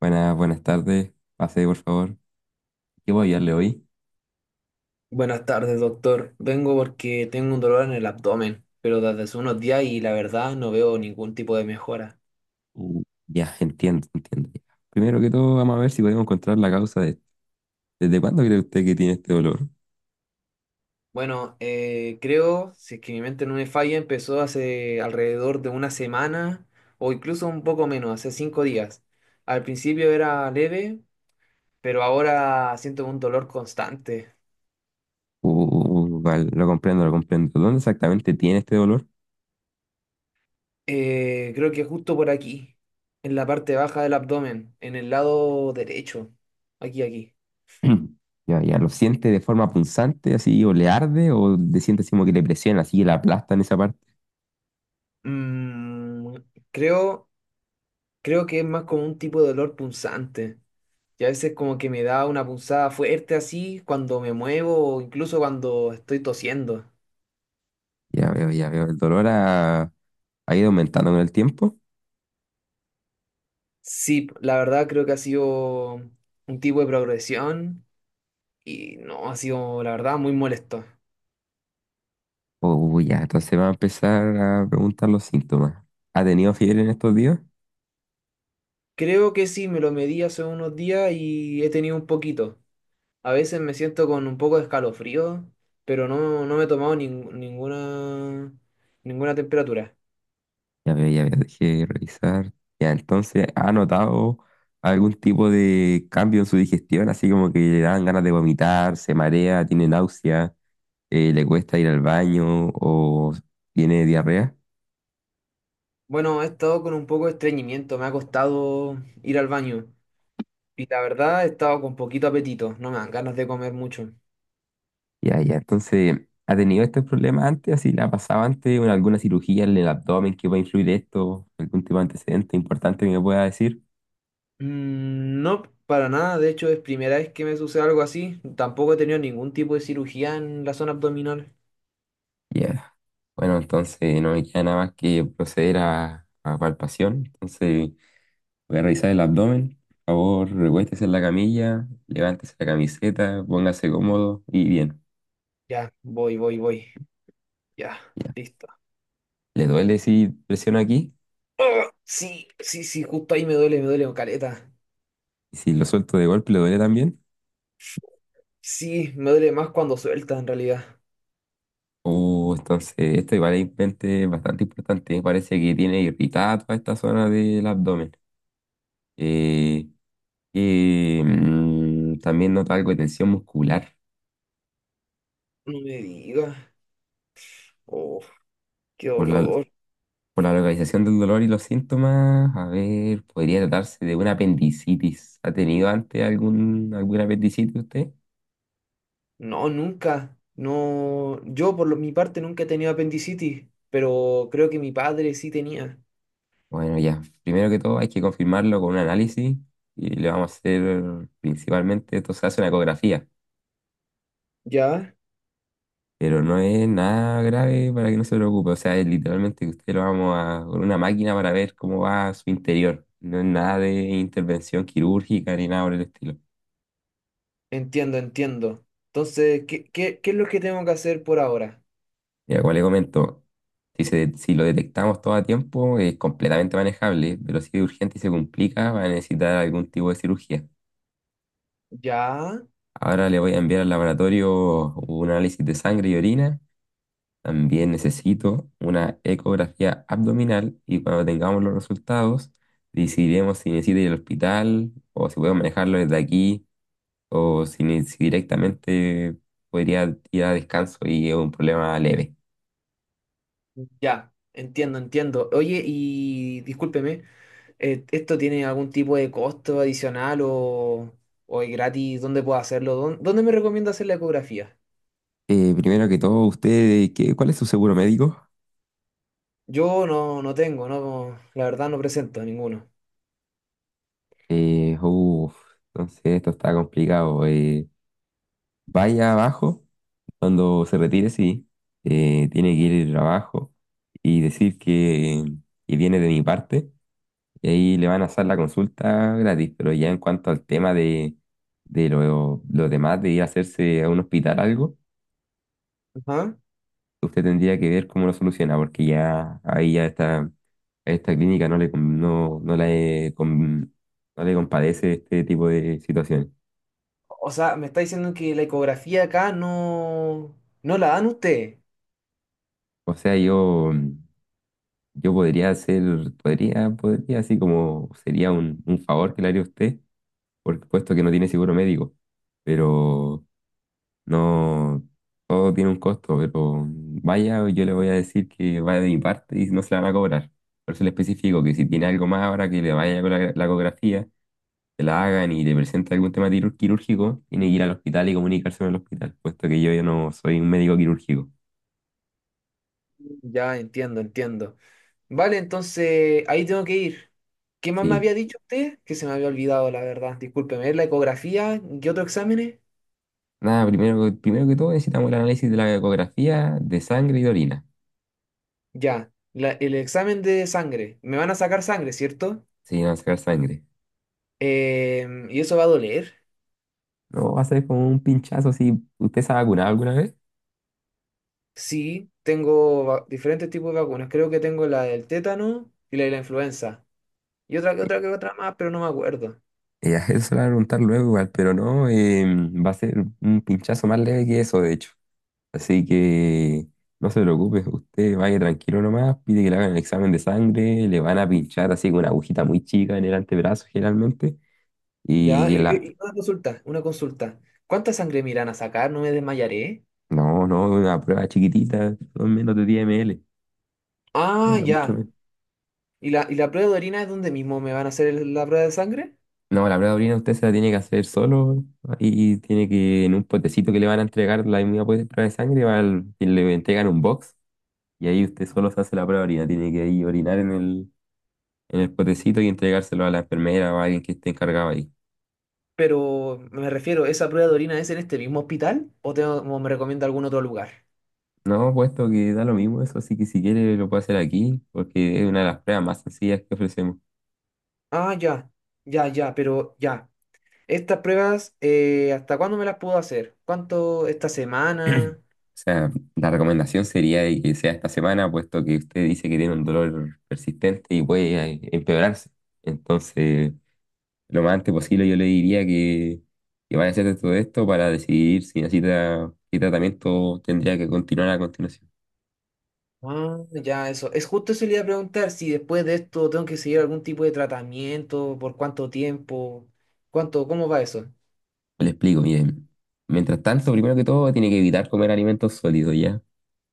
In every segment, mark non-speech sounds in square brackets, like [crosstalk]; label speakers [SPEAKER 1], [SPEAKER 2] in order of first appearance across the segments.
[SPEAKER 1] Buenas, buenas tardes. Pase, por favor. ¿Qué voy a darle hoy?
[SPEAKER 2] Buenas tardes, doctor. Vengo porque tengo un dolor en el abdomen, pero desde hace unos días y la verdad no veo ningún tipo de mejora.
[SPEAKER 1] Ya, entiendo, entiendo. Ya. Primero que todo, vamos a ver si podemos encontrar la causa de esto. ¿Desde cuándo cree usted que tiene este dolor?
[SPEAKER 2] Bueno, creo, si es que mi mente no me falla, empezó hace alrededor de una semana o incluso un poco menos, hace 5 días. Al principio era leve, pero ahora siento un dolor constante.
[SPEAKER 1] Vale, lo comprendo, lo comprendo. ¿Dónde exactamente tiene este dolor?
[SPEAKER 2] Creo que justo por aquí, en la parte baja del abdomen, en el lado derecho. Aquí, aquí.
[SPEAKER 1] [clears throat] Ya, ya, ¿lo siente de forma punzante, así, o le arde, o le siente así como que le presiona, así, que le aplasta en esa parte?
[SPEAKER 2] Mm, creo... Creo que es más como un tipo de dolor punzante. Y a veces como que me da una punzada fuerte así cuando me muevo o incluso cuando estoy tosiendo.
[SPEAKER 1] Ya veo, ya veo. ¿El dolor ha ido aumentando con el tiempo?
[SPEAKER 2] Sí, la verdad creo que ha sido un tipo de progresión y no, ha sido la verdad muy molesto.
[SPEAKER 1] Ya, entonces va a empezar a preguntar los síntomas. ¿Ha tenido fiebre en estos días?
[SPEAKER 2] Creo que sí, me lo medí hace unos días y he tenido un poquito. A veces me siento con un poco de escalofrío, pero no, no me he tomado ninguna, ninguna temperatura.
[SPEAKER 1] Ya veo, dejé revisar. Ya, entonces, ¿ha notado algún tipo de cambio en su digestión? Así como que le dan ganas de vomitar, se marea, tiene náusea, le cuesta ir al baño o tiene diarrea.
[SPEAKER 2] Bueno, he estado con un poco de estreñimiento, me ha costado ir al baño y la verdad he estado con poquito apetito, no me dan ganas de comer mucho.
[SPEAKER 1] Ya, ya, entonces, ¿ha tenido estos problemas antes? ¿Así le ha pasado antes? ¿Alguna cirugía en el abdomen que pueda influir esto? ¿Algún tipo de antecedente importante que me pueda decir?
[SPEAKER 2] Mm, no, para nada, de hecho es primera vez que me sucede algo así, tampoco he tenido ningún tipo de cirugía en la zona abdominal.
[SPEAKER 1] Ya. Bueno, entonces no me queda nada más que proceder a palpación. Entonces. Voy a revisar el abdomen. Por favor, recuéstese en la camilla, levántese la camiseta, póngase cómodo y bien.
[SPEAKER 2] Ya, voy, voy, voy, ya,
[SPEAKER 1] Ya.
[SPEAKER 2] listo.
[SPEAKER 1] ¿Le duele si presiono aquí?
[SPEAKER 2] ¡Ah! Sí, sí, sí, justo ahí me duele caleta.
[SPEAKER 1] ¿Y si lo suelto de golpe le duele también?
[SPEAKER 2] Sí, me duele más cuando suelta en realidad.
[SPEAKER 1] Oh, entonces esto igual es importante- bastante importante. Parece que tiene irritada toda esta zona del abdomen. Eh, También nota algo de tensión muscular
[SPEAKER 2] No me digas, oh, qué
[SPEAKER 1] por la,
[SPEAKER 2] dolor.
[SPEAKER 1] por la localización del dolor y los síntomas, a ver, podría tratarse de una apendicitis. ¿Ha tenido antes algún, alguna apendicitis usted?
[SPEAKER 2] No, nunca. No, mi parte nunca he tenido apendicitis, pero creo que mi padre sí tenía.
[SPEAKER 1] Bueno, ya, primero que todo hay que confirmarlo con un análisis y le vamos a hacer principalmente, esto se hace una ecografía,
[SPEAKER 2] Ya,
[SPEAKER 1] pero no es nada grave para que no se preocupe, o sea, es literalmente que usted lo vamos a con una máquina para ver cómo va su interior, no es nada de intervención quirúrgica ni nada por el estilo.
[SPEAKER 2] entiendo, entiendo. Entonces, ¿qué es lo que tengo que hacer por ahora?
[SPEAKER 1] Ya, como le comento. Si lo detectamos todo a tiempo, es completamente manejable, pero si es urgente y se complica, va a necesitar algún tipo de cirugía.
[SPEAKER 2] Ya,
[SPEAKER 1] Ahora le voy a enviar al laboratorio un análisis de sangre y orina. También necesito una ecografía abdominal y cuando tengamos los resultados, decidiremos si necesita ir al hospital o si podemos manejarlo desde aquí o si directamente podría ir a descanso y es un problema leve.
[SPEAKER 2] ya, entiendo, entiendo. Oye, y discúlpeme, ¿esto tiene algún tipo de costo adicional o es gratis? ¿Dónde puedo hacerlo? ¿Dónde me recomienda hacer la ecografía?
[SPEAKER 1] Primero que todo, usted, ¿cuál es su seguro médico?
[SPEAKER 2] Yo no, no tengo, no, la verdad no presento ninguno.
[SPEAKER 1] Eh, uf, no sé, esto está complicado. Vaya abajo, cuando se retire, sí, tiene que ir abajo y decir que viene de mi parte. Y ahí le van a hacer la consulta gratis. Pero ya en cuanto al tema de lo demás, de ir a hacerse a un hospital algo,
[SPEAKER 2] Ajá.
[SPEAKER 1] usted tendría que ver cómo lo soluciona, porque ya ahí ya está, esta clínica no le compadece este tipo de situaciones.
[SPEAKER 2] O sea, me está diciendo que la ecografía acá no, no la dan usted.
[SPEAKER 1] O sea, yo podría hacer, así como sería un favor que le haría a usted, por puesto que no tiene seguro médico, pero no, todo tiene un costo, pero vaya, yo le voy a decir que vaya de mi parte y no se la van a cobrar. Por eso le especifico que si tiene algo más ahora que le vaya con la ecografía, que la hagan y le presente algún tema quirúrgico, tiene que ir al hospital y comunicarse con el hospital, puesto que yo ya no soy un médico quirúrgico.
[SPEAKER 2] Ya entiendo, entiendo. Vale, entonces ahí tengo que ir. ¿Qué más me
[SPEAKER 1] Sí,
[SPEAKER 2] había dicho usted? Que se me había olvidado, la verdad. Discúlpeme, ¿la ecografía? ¿Qué otro exámenes?
[SPEAKER 1] nada, primero que todo necesitamos el análisis de la ecografía de sangre y de orina.
[SPEAKER 2] Ya, el examen de sangre. Me van a sacar sangre, ¿cierto?
[SPEAKER 1] Sí, vamos a sacar sangre.
[SPEAKER 2] Em, ¿y eso va a doler?
[SPEAKER 1] No, va a ser como un pinchazo si usted se ha vacunado alguna vez.
[SPEAKER 2] Sí, diferentes tipos de vacunas. Creo que tengo la del tétano y la de la influenza. Y otra más, pero no me acuerdo.
[SPEAKER 1] [laughs] Eso se lo van a preguntar luego igual, pero no, va a ser un pinchazo más leve que eso, de hecho. Así que no se preocupe, usted vaya tranquilo nomás, pide que le hagan el examen de sangre, le van a pinchar así con una agujita muy chica en el antebrazo generalmente.
[SPEAKER 2] Ya,
[SPEAKER 1] Y la...
[SPEAKER 2] una consulta, una consulta. ¿Cuánta sangre me irán a sacar? ¿No me desmayaré?
[SPEAKER 1] No, no, una prueba chiquitita, son menos de 10 ml.
[SPEAKER 2] Ah,
[SPEAKER 1] No mucho.
[SPEAKER 2] ya. ¿Y y la prueba de orina es donde mismo me van a hacer la prueba de sangre?
[SPEAKER 1] No, la prueba de orina usted se la tiene que hacer solo y tiene que, en un potecito que le van a entregar la misma prueba de sangre, va y le entregan un box y ahí usted solo se hace la prueba de orina. Tiene que ahí orinar en en el potecito y entregárselo a la enfermera o a alguien que esté encargado ahí.
[SPEAKER 2] Pero me refiero, ¿esa prueba de orina es en este mismo hospital o, tengo, o me recomienda algún otro lugar?
[SPEAKER 1] No, puesto que da lo mismo eso, así que si quiere lo puede hacer aquí porque es una de las pruebas más sencillas que ofrecemos.
[SPEAKER 2] Ah, ya, ya, ya, pero ya. ¿Estas pruebas, hasta cuándo me las puedo hacer? ¿Cuánto? ¿Esta
[SPEAKER 1] [clears throat]
[SPEAKER 2] semana?
[SPEAKER 1] O sea, la recomendación sería de que sea esta semana, puesto que usted dice que tiene un dolor persistente y puede empeorarse. Entonces... lo más antes posible, yo le diría que vaya a hacer todo esto para decidir si necesita, qué tratamiento tendría que continuar a continuación.
[SPEAKER 2] Ah, ya, eso. Es justo eso le iba a preguntar si después de esto tengo que seguir algún tipo de tratamiento, por cuánto tiempo, cuánto, cómo va eso.
[SPEAKER 1] Le explico, miren. Mientras tanto, primero que todo, tiene que evitar comer alimentos sólidos, ¿ya?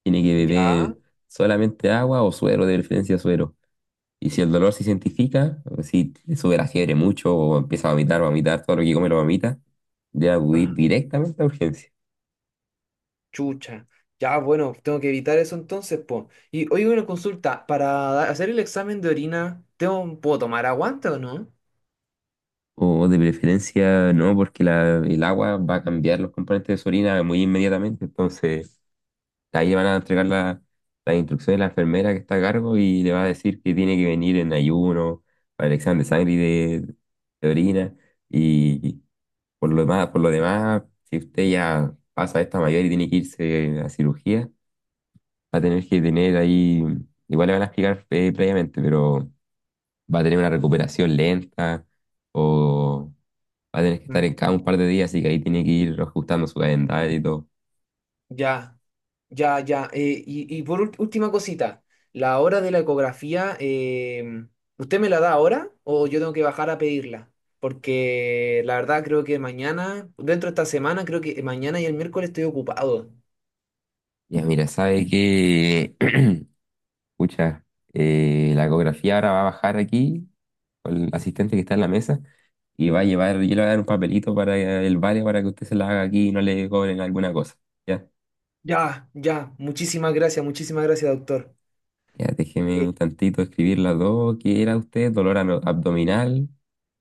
[SPEAKER 1] Tiene que beber
[SPEAKER 2] Ya,
[SPEAKER 1] solamente agua o suero, de preferencia suero. Y si el dolor se identifica, o si le sube la fiebre mucho o empieza a vomitar, todo lo que come lo vomita, debe acudir
[SPEAKER 2] ajá,
[SPEAKER 1] directamente a urgencias.
[SPEAKER 2] chucha. Ya, bueno, tengo que evitar eso entonces, po. Y hoy una consulta, para hacer el examen de orina, ¿tengo, puedo tomar aguante o no?
[SPEAKER 1] O de preferencia no, porque el agua va a cambiar los componentes de su orina muy inmediatamente. Entonces, ahí le van a entregar las instrucciones a la enfermera que está a cargo y le va a decir que tiene que venir en ayuno para el examen de sangre y de orina. Y por lo demás, si usted ya pasa esta mayor y tiene que irse a cirugía, va a tener que tener ahí, igual le van a explicar previamente, pero va a tener una recuperación lenta o va a tener que estar
[SPEAKER 2] Mm,
[SPEAKER 1] en cada un par de días, así que ahí tiene que ir ajustando su calendario y todo.
[SPEAKER 2] ya. Ya, ya. Y, y por última cosita, la hora de la ecografía, em, ¿usted me la da ahora o yo tengo que bajar a pedirla? Porque la verdad creo que mañana, dentro de esta semana, creo que mañana y el miércoles estoy ocupado.
[SPEAKER 1] Ya, mira, sabe que, [clears throat] escucha, la ecografía ahora va a bajar aquí con el asistente que está en la mesa y va a llevar, yo le voy a dar un papelito para el barrio para que usted se la haga aquí y no le cobren alguna cosa. Ya,
[SPEAKER 2] Ya, ya. Muchísimas gracias, doctor.
[SPEAKER 1] ya, déjeme
[SPEAKER 2] Eh,
[SPEAKER 1] un tantito escribir las dos. ¿Qué era usted? Abdominal,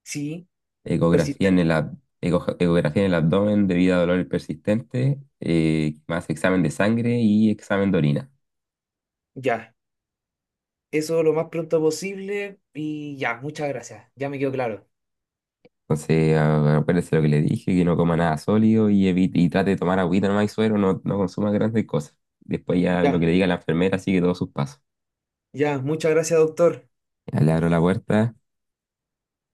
[SPEAKER 2] sí,
[SPEAKER 1] ecografía en
[SPEAKER 2] persistente.
[SPEAKER 1] ecografía en el abdomen debido a dolor persistente, más examen de sangre y examen de orina.
[SPEAKER 2] Ya. Eso lo más pronto posible y ya, muchas gracias. Ya me quedó claro.
[SPEAKER 1] Entonces, acuérdese lo que le dije, que no coma nada sólido y evite, y trate de tomar agüita nomás y suero, no, no consuma grandes cosas. Después ya lo
[SPEAKER 2] Ya,
[SPEAKER 1] que le diga la enfermera sigue todos sus pasos.
[SPEAKER 2] ya. Muchas gracias, doctor.
[SPEAKER 1] Ya le abro la puerta,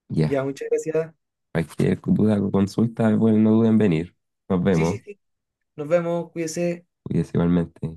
[SPEAKER 1] ya.
[SPEAKER 2] Ya, muchas gracias.
[SPEAKER 1] Cualquier duda o consulta, bueno, no duden en venir. Nos
[SPEAKER 2] Sí, sí,
[SPEAKER 1] vemos.
[SPEAKER 2] sí. Nos vemos, cuídese.
[SPEAKER 1] Cuídese igualmente.